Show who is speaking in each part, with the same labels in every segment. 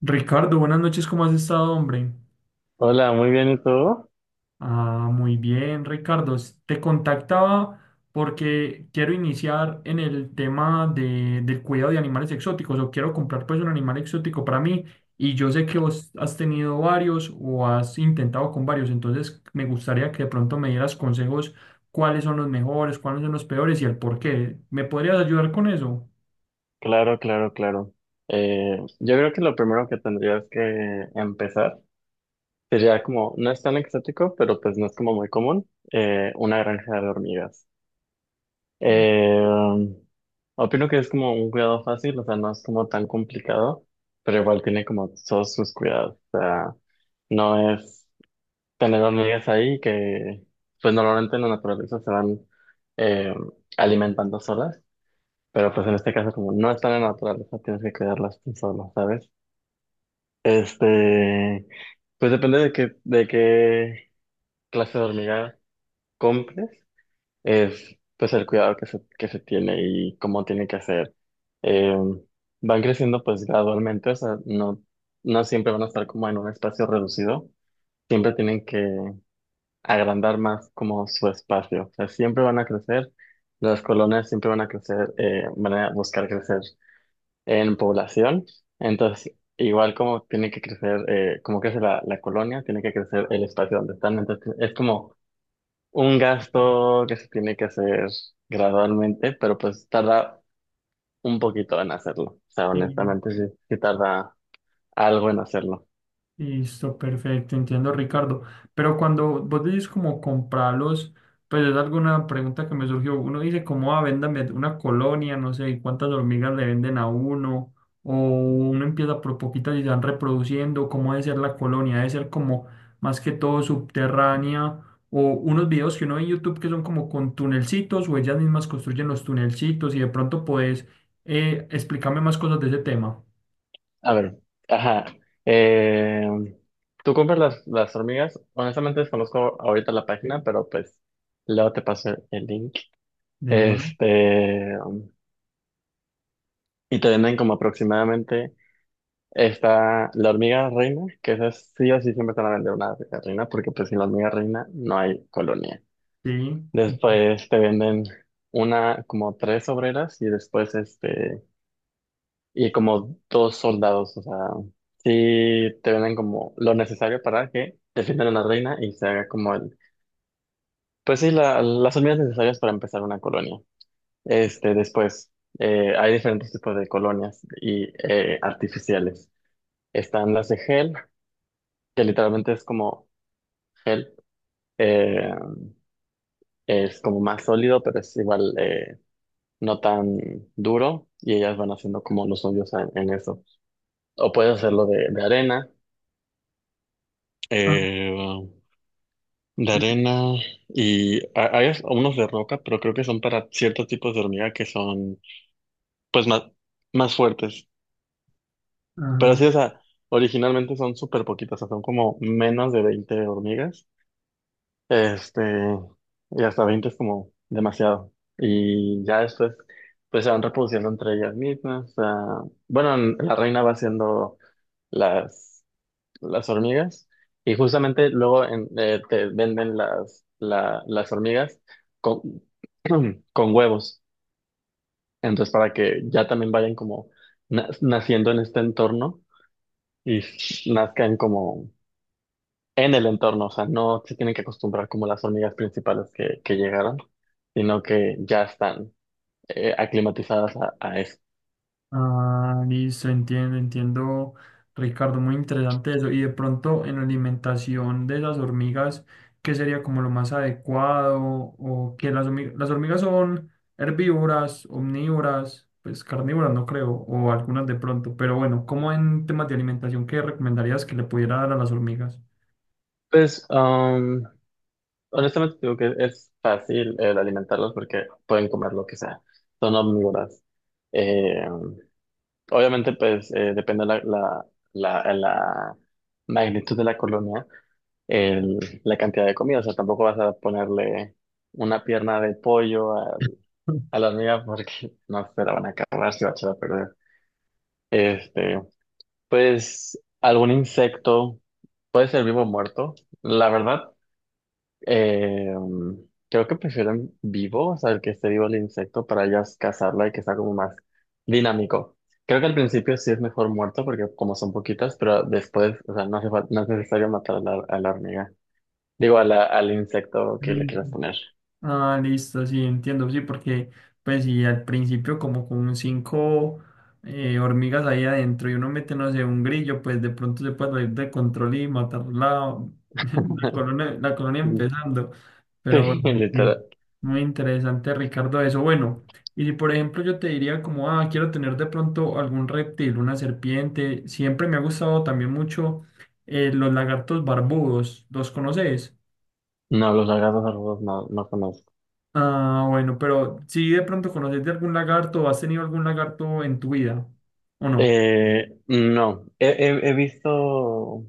Speaker 1: Ricardo, buenas noches, ¿cómo has estado, hombre?
Speaker 2: Hola, muy bien, ¿y tú?
Speaker 1: Ah, muy bien, Ricardo. Te contactaba porque quiero iniciar en el tema del cuidado de animales exóticos o quiero comprar pues un animal exótico para mí y yo sé que vos has tenido varios o has intentado con varios, entonces me gustaría que de pronto me dieras consejos cuáles son los mejores, cuáles son los peores y el por qué. ¿Me podrías ayudar con eso?
Speaker 2: Claro, claro, claro. Yo creo que lo primero que tendrías que empezar sería como, no es tan exótico, pero pues no es como muy común, una granja de hormigas. Eh, Opino que es como un cuidado fácil, o sea, no es como tan complicado, pero igual tiene como todos sus cuidados. O sea, no es tener hormigas ahí que, pues normalmente en la naturaleza se van eh, alimentando solas. Pero pues en este caso, como no están en la naturaleza, tienes que cuidarlas tú solo, ¿sabes? Este, pues depende de qué clase de hormiga compres, es pues el cuidado que se tiene y cómo tiene que ser. Eh, Van creciendo pues gradualmente, o sea, no siempre van a estar como en un espacio reducido, siempre tienen que agrandar más como su espacio, o sea, siempre van a crecer, las colonias siempre van a crecer, van a buscar crecer en población. Entonces, igual como tiene que crecer, como crece la colonia, tiene que crecer el espacio donde están. Entonces, es como un gasto que se tiene que hacer gradualmente, pero pues tarda un poquito en hacerlo. O sea,
Speaker 1: Sí.
Speaker 2: honestamente, sí tarda algo en hacerlo.
Speaker 1: Listo, perfecto, entiendo, Ricardo. Pero cuando vos decís como comprarlos, pues es alguna pregunta que me surgió. Uno dice como, ah, véndame una colonia, no sé, y cuántas hormigas le venden a uno, o uno empieza por poquitas y se van reproduciendo, cómo debe ser la colonia, debe ser como más que todo subterránea, o unos videos que uno ve en YouTube que son como con tunelcitos, o ellas mismas construyen los tunelcitos, y de pronto podés explicarme más cosas de ese tema.
Speaker 2: A ver, ajá. eh, ¿Tú compras las hormigas? Honestamente desconozco ahorita la página, pero pues luego te paso el link.
Speaker 1: De uno,
Speaker 2: Este, y te venden como aproximadamente. Está la hormiga reina, que esa sí o sí siempre te van a vender una hormiga reina, porque pues sin la hormiga reina no hay colonia.
Speaker 1: sí.
Speaker 2: Después te venden una, como tres obreras y después y como dos soldados, o sea, sí te venden como lo necesario para que defiendan a la reina y se haga como el, pues sí, las hormigas necesarias para empezar una colonia. Después, hay diferentes tipos de colonias y artificiales. Están las de gel, que literalmente es como gel, eh, es como más sólido, pero es igual no tan duro y ellas van haciendo como los suyos en eso. O puedes hacerlo de arena,
Speaker 1: Ah.
Speaker 2: eh, de arena y hay unos de roca, pero creo que son para ciertos tipos de hormiga que son pues más fuertes. Pero sí,
Speaker 1: Ajá.
Speaker 2: o sea, originalmente son súper poquitas, o sea, son como menos de 20 hormigas. Este, y hasta 20 es como demasiado. Y ya después, pues se van reproduciendo entre ellas mismas. Ah, bueno, la reina va haciendo las, las hormigas y justamente luego te venden las, las hormigas con, con huevos. Entonces, para que ya también vayan como naciendo en este entorno y nazcan como en el entorno, o sea, no se tienen que acostumbrar como las hormigas principales que llegaron, sino que ya están aclimatizadas a eso.
Speaker 1: Ah, listo, entiendo, entiendo, Ricardo, muy interesante eso. Y de pronto en la alimentación de las hormigas, ¿qué sería como lo más adecuado? O que las hormigas son herbívoras, omnívoras, pues carnívoras no creo, o algunas de pronto. Pero bueno, ¿cómo en temas de alimentación, qué recomendarías que le pudiera dar a las hormigas?
Speaker 2: Pues, honestamente digo que es fácil el alimentarlas porque pueden comer lo que sea, son omnívoras. Eh, Obviamente, pues, depende la magnitud de la colonia, la cantidad de comida, o sea, tampoco vas a ponerle una pierna de pollo a la mía porque no se la van a acabar si va a echar a perder. Este, pues algún insecto, puede ser vivo o muerto. La verdad, eh, creo que prefieren vivo, o sea, el que esté vivo el insecto para ellas cazarla y que sea como más dinámico. Creo que al principio sí es mejor muerto porque como son poquitas, pero después, o sea, no hace no es necesario matar a a la hormiga. Digo, al insecto que le
Speaker 1: Mm.
Speaker 2: quieras poner.
Speaker 1: Ah, listo, sí, entiendo, sí, porque pues si al principio como con cinco hormigas ahí adentro y uno mete, no sé, un grillo, pues de pronto se puede salir de control y matar la, la colonia empezando. Pero
Speaker 2: Sí,
Speaker 1: bueno, sí,
Speaker 2: literal.
Speaker 1: muy interesante, Ricardo, eso. Bueno, y si por ejemplo yo te diría como, ah, quiero tener de pronto algún reptil, una serpiente, siempre me ha gustado también mucho los lagartos barbudos, ¿los conoces?
Speaker 2: No, los lagartos arrugados no conozco.
Speaker 1: Ah, bueno, pero si de pronto conoces de algún lagarto o has tenido algún lagarto en tu vida, ¿o no?
Speaker 2: No, he visto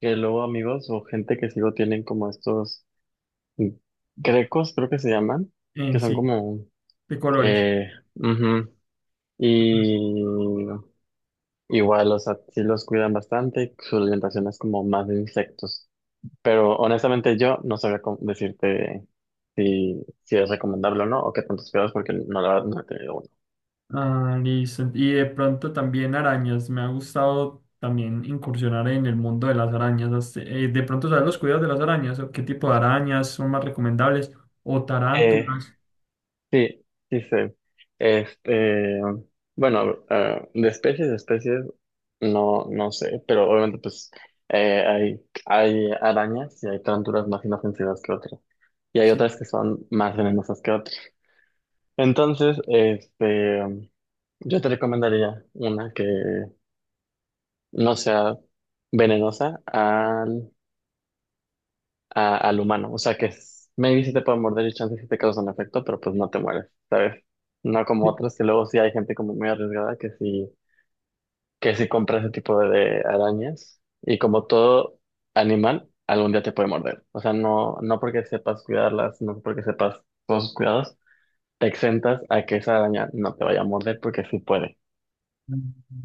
Speaker 2: que luego amigos o gente que sigo tienen como estos grecos, creo que se llaman, que son
Speaker 1: Sí,
Speaker 2: como,
Speaker 1: de colores.
Speaker 2: eh, ujú. Y igual, o sea, sí los cuidan bastante, su alimentación es como más de insectos, pero honestamente yo no sabría cómo decirte si, si es recomendable o no, o qué tantos cuidados, porque no, la verdad, no he tenido uno.
Speaker 1: Ah, listo. Y de pronto también arañas. Me ha gustado también incursionar en el mundo de las arañas. De pronto, ¿sabes los cuidados de las arañas? ¿O ¿qué tipo de arañas son más recomendables? ¿O
Speaker 2: Eh,
Speaker 1: tarántulas?
Speaker 2: Sí, sí sé. Este, bueno, ah, de especies, no, no sé, pero obviamente pues hay arañas y hay tarántulas más inofensivas que otras. Y hay
Speaker 1: Sí.
Speaker 2: otras que son más venenosas que otras. Entonces, yo te recomendaría una que no sea venenosa al humano. O sea que maybe si te pueden morder y chance si te causan efecto, pero pues no te mueres, ¿sabes? No como
Speaker 1: Sí.
Speaker 2: otras, que luego sí hay gente como muy arriesgada que sí compra ese tipo de arañas. Y como todo animal, algún día te puede morder. O sea, no porque sepas cuidarlas, no porque sepas todos sus cuidados, te exentas a que esa araña no te vaya a morder porque sí puede.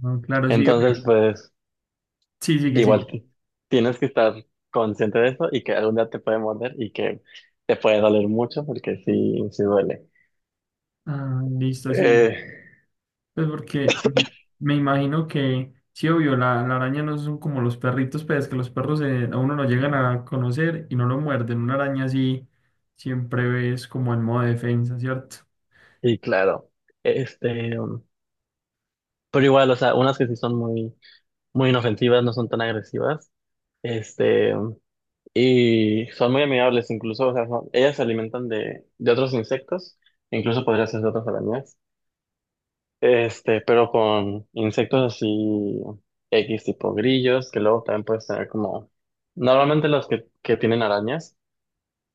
Speaker 1: Ah, claro, sí, obvio.
Speaker 2: Entonces, pues.
Speaker 1: Sí, sigue, sigue.
Speaker 2: Igual t- Tienes que estar consciente de eso y que algún día te puede morder y que te puede doler mucho porque sí, sí duele.
Speaker 1: Ah, listo, sí.
Speaker 2: Eh,
Speaker 1: Pues porque mm, me imagino que, sí, obvio, la araña no son como los perritos, pero es que los perros a uno lo llegan a conocer y no lo muerden. Una araña sí siempre ves como en modo defensa, ¿cierto?
Speaker 2: y claro, este, um, pero igual, o sea, unas que sí son muy inofensivas, no son tan agresivas, este, um, y son muy amigables incluso, o sea, ellas se alimentan de otros insectos, incluso podría ser de otras arañas. Pero con insectos así X tipo grillos, que luego también puedes tener como, normalmente que tienen arañas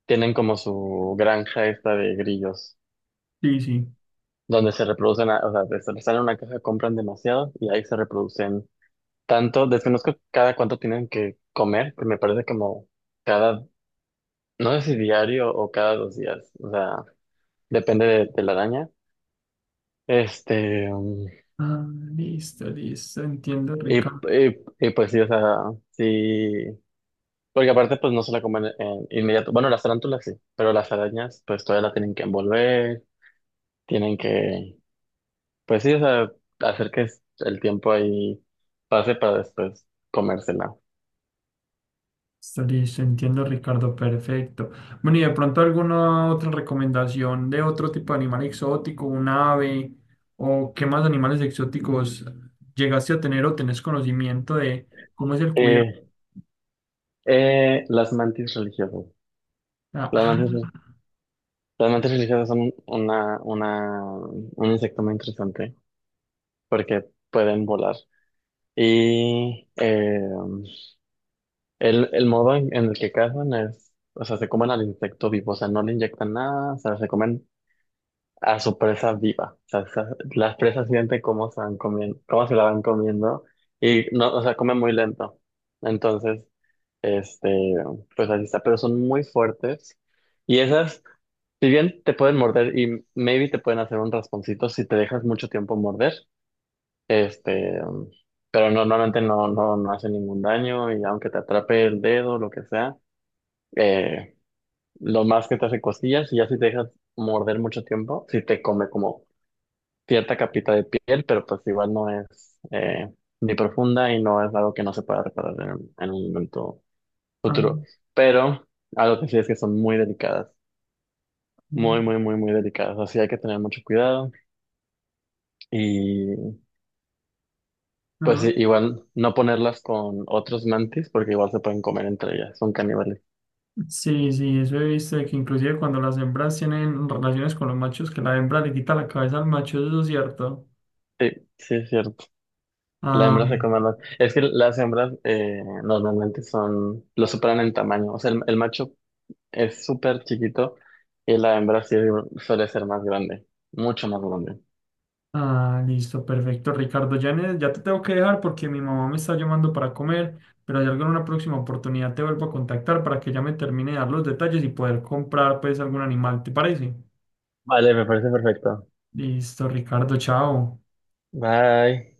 Speaker 2: tienen como su granja esta de grillos,
Speaker 1: Sí, sí.
Speaker 2: donde se reproducen, o sea, les salen una caja, compran demasiado y ahí se reproducen tanto, desconozco cada cuánto tienen que comer, que me parece como cada, no sé si diario o cada 2 días, o sea, depende de la araña. Este, um,
Speaker 1: Ah, listo, listo, entiendo,
Speaker 2: y,
Speaker 1: Ricardo.
Speaker 2: y, y pues sí, o sea, sí. Porque aparte, pues no se la comen en inmediato. Bueno, las tarántulas sí, pero las arañas, pues todavía la tienen que envolver, tienen que, pues sí, o sea, hacer que el tiempo ahí pase para después comérsela.
Speaker 1: Listo, listo, entiendo, Ricardo, perfecto. Bueno, y de pronto alguna otra recomendación de otro tipo de animal exótico, un ave, o qué más animales exóticos llegaste a tener o tenés conocimiento de cómo es el cuidado.
Speaker 2: Eh, las mantis religiosas.
Speaker 1: Ah,
Speaker 2: Las
Speaker 1: ah,
Speaker 2: mantis, las mantis religiosas son un insecto muy interesante porque pueden volar. Y el modo en el que cazan es, o sea, se comen al insecto vivo, o sea, no le inyectan nada, o sea, se comen a su presa viva. O sea, las presas sienten cómo se van comiendo, cómo se la van comiendo y no, o sea, comen muy lento. Entonces, este, pues así está, pero son muy fuertes y esas, si bien te pueden morder y maybe te pueden hacer un rasponcito si te dejas mucho tiempo morder, este, pero no, normalmente no hace ningún daño y aunque te atrape el dedo, lo que sea, eh, lo más que te hace costillas y ya si te dejas morder mucho tiempo, si te come como cierta capita de piel, pero pues igual no es ni profunda y no es algo que no se pueda reparar en, en un momento futuro.
Speaker 1: ah,
Speaker 2: Pero algo que sí es que son muy delicadas,
Speaker 1: ah.
Speaker 2: muy delicadas. Así hay que tener mucho cuidado y pues sí,
Speaker 1: Ah.
Speaker 2: igual no ponerlas con otros mantis porque igual se pueden comer entre ellas, son caníbales.
Speaker 1: Sí, sí, eso he visto de que inclusive cuando las hembras tienen relaciones con los machos, que la hembra le quita la cabeza al macho, eso es cierto.
Speaker 2: Sí, sí, es cierto. La
Speaker 1: Ah,
Speaker 2: hembra se come más. Es que las hembras normalmente son, lo superan en tamaño. O sea, el macho es súper chiquito y la hembra sí suele ser más grande, mucho más grande.
Speaker 1: ah, listo, perfecto, Ricardo. Ya, ya te tengo que dejar porque mi mamá me está llamando para comer, pero hay algo en una próxima oportunidad te vuelvo a contactar para que ya me termine de dar los detalles y poder comprar pues algún animal, ¿te parece?
Speaker 2: Vale, me parece perfecto.
Speaker 1: Listo, Ricardo, chao.
Speaker 2: Bye.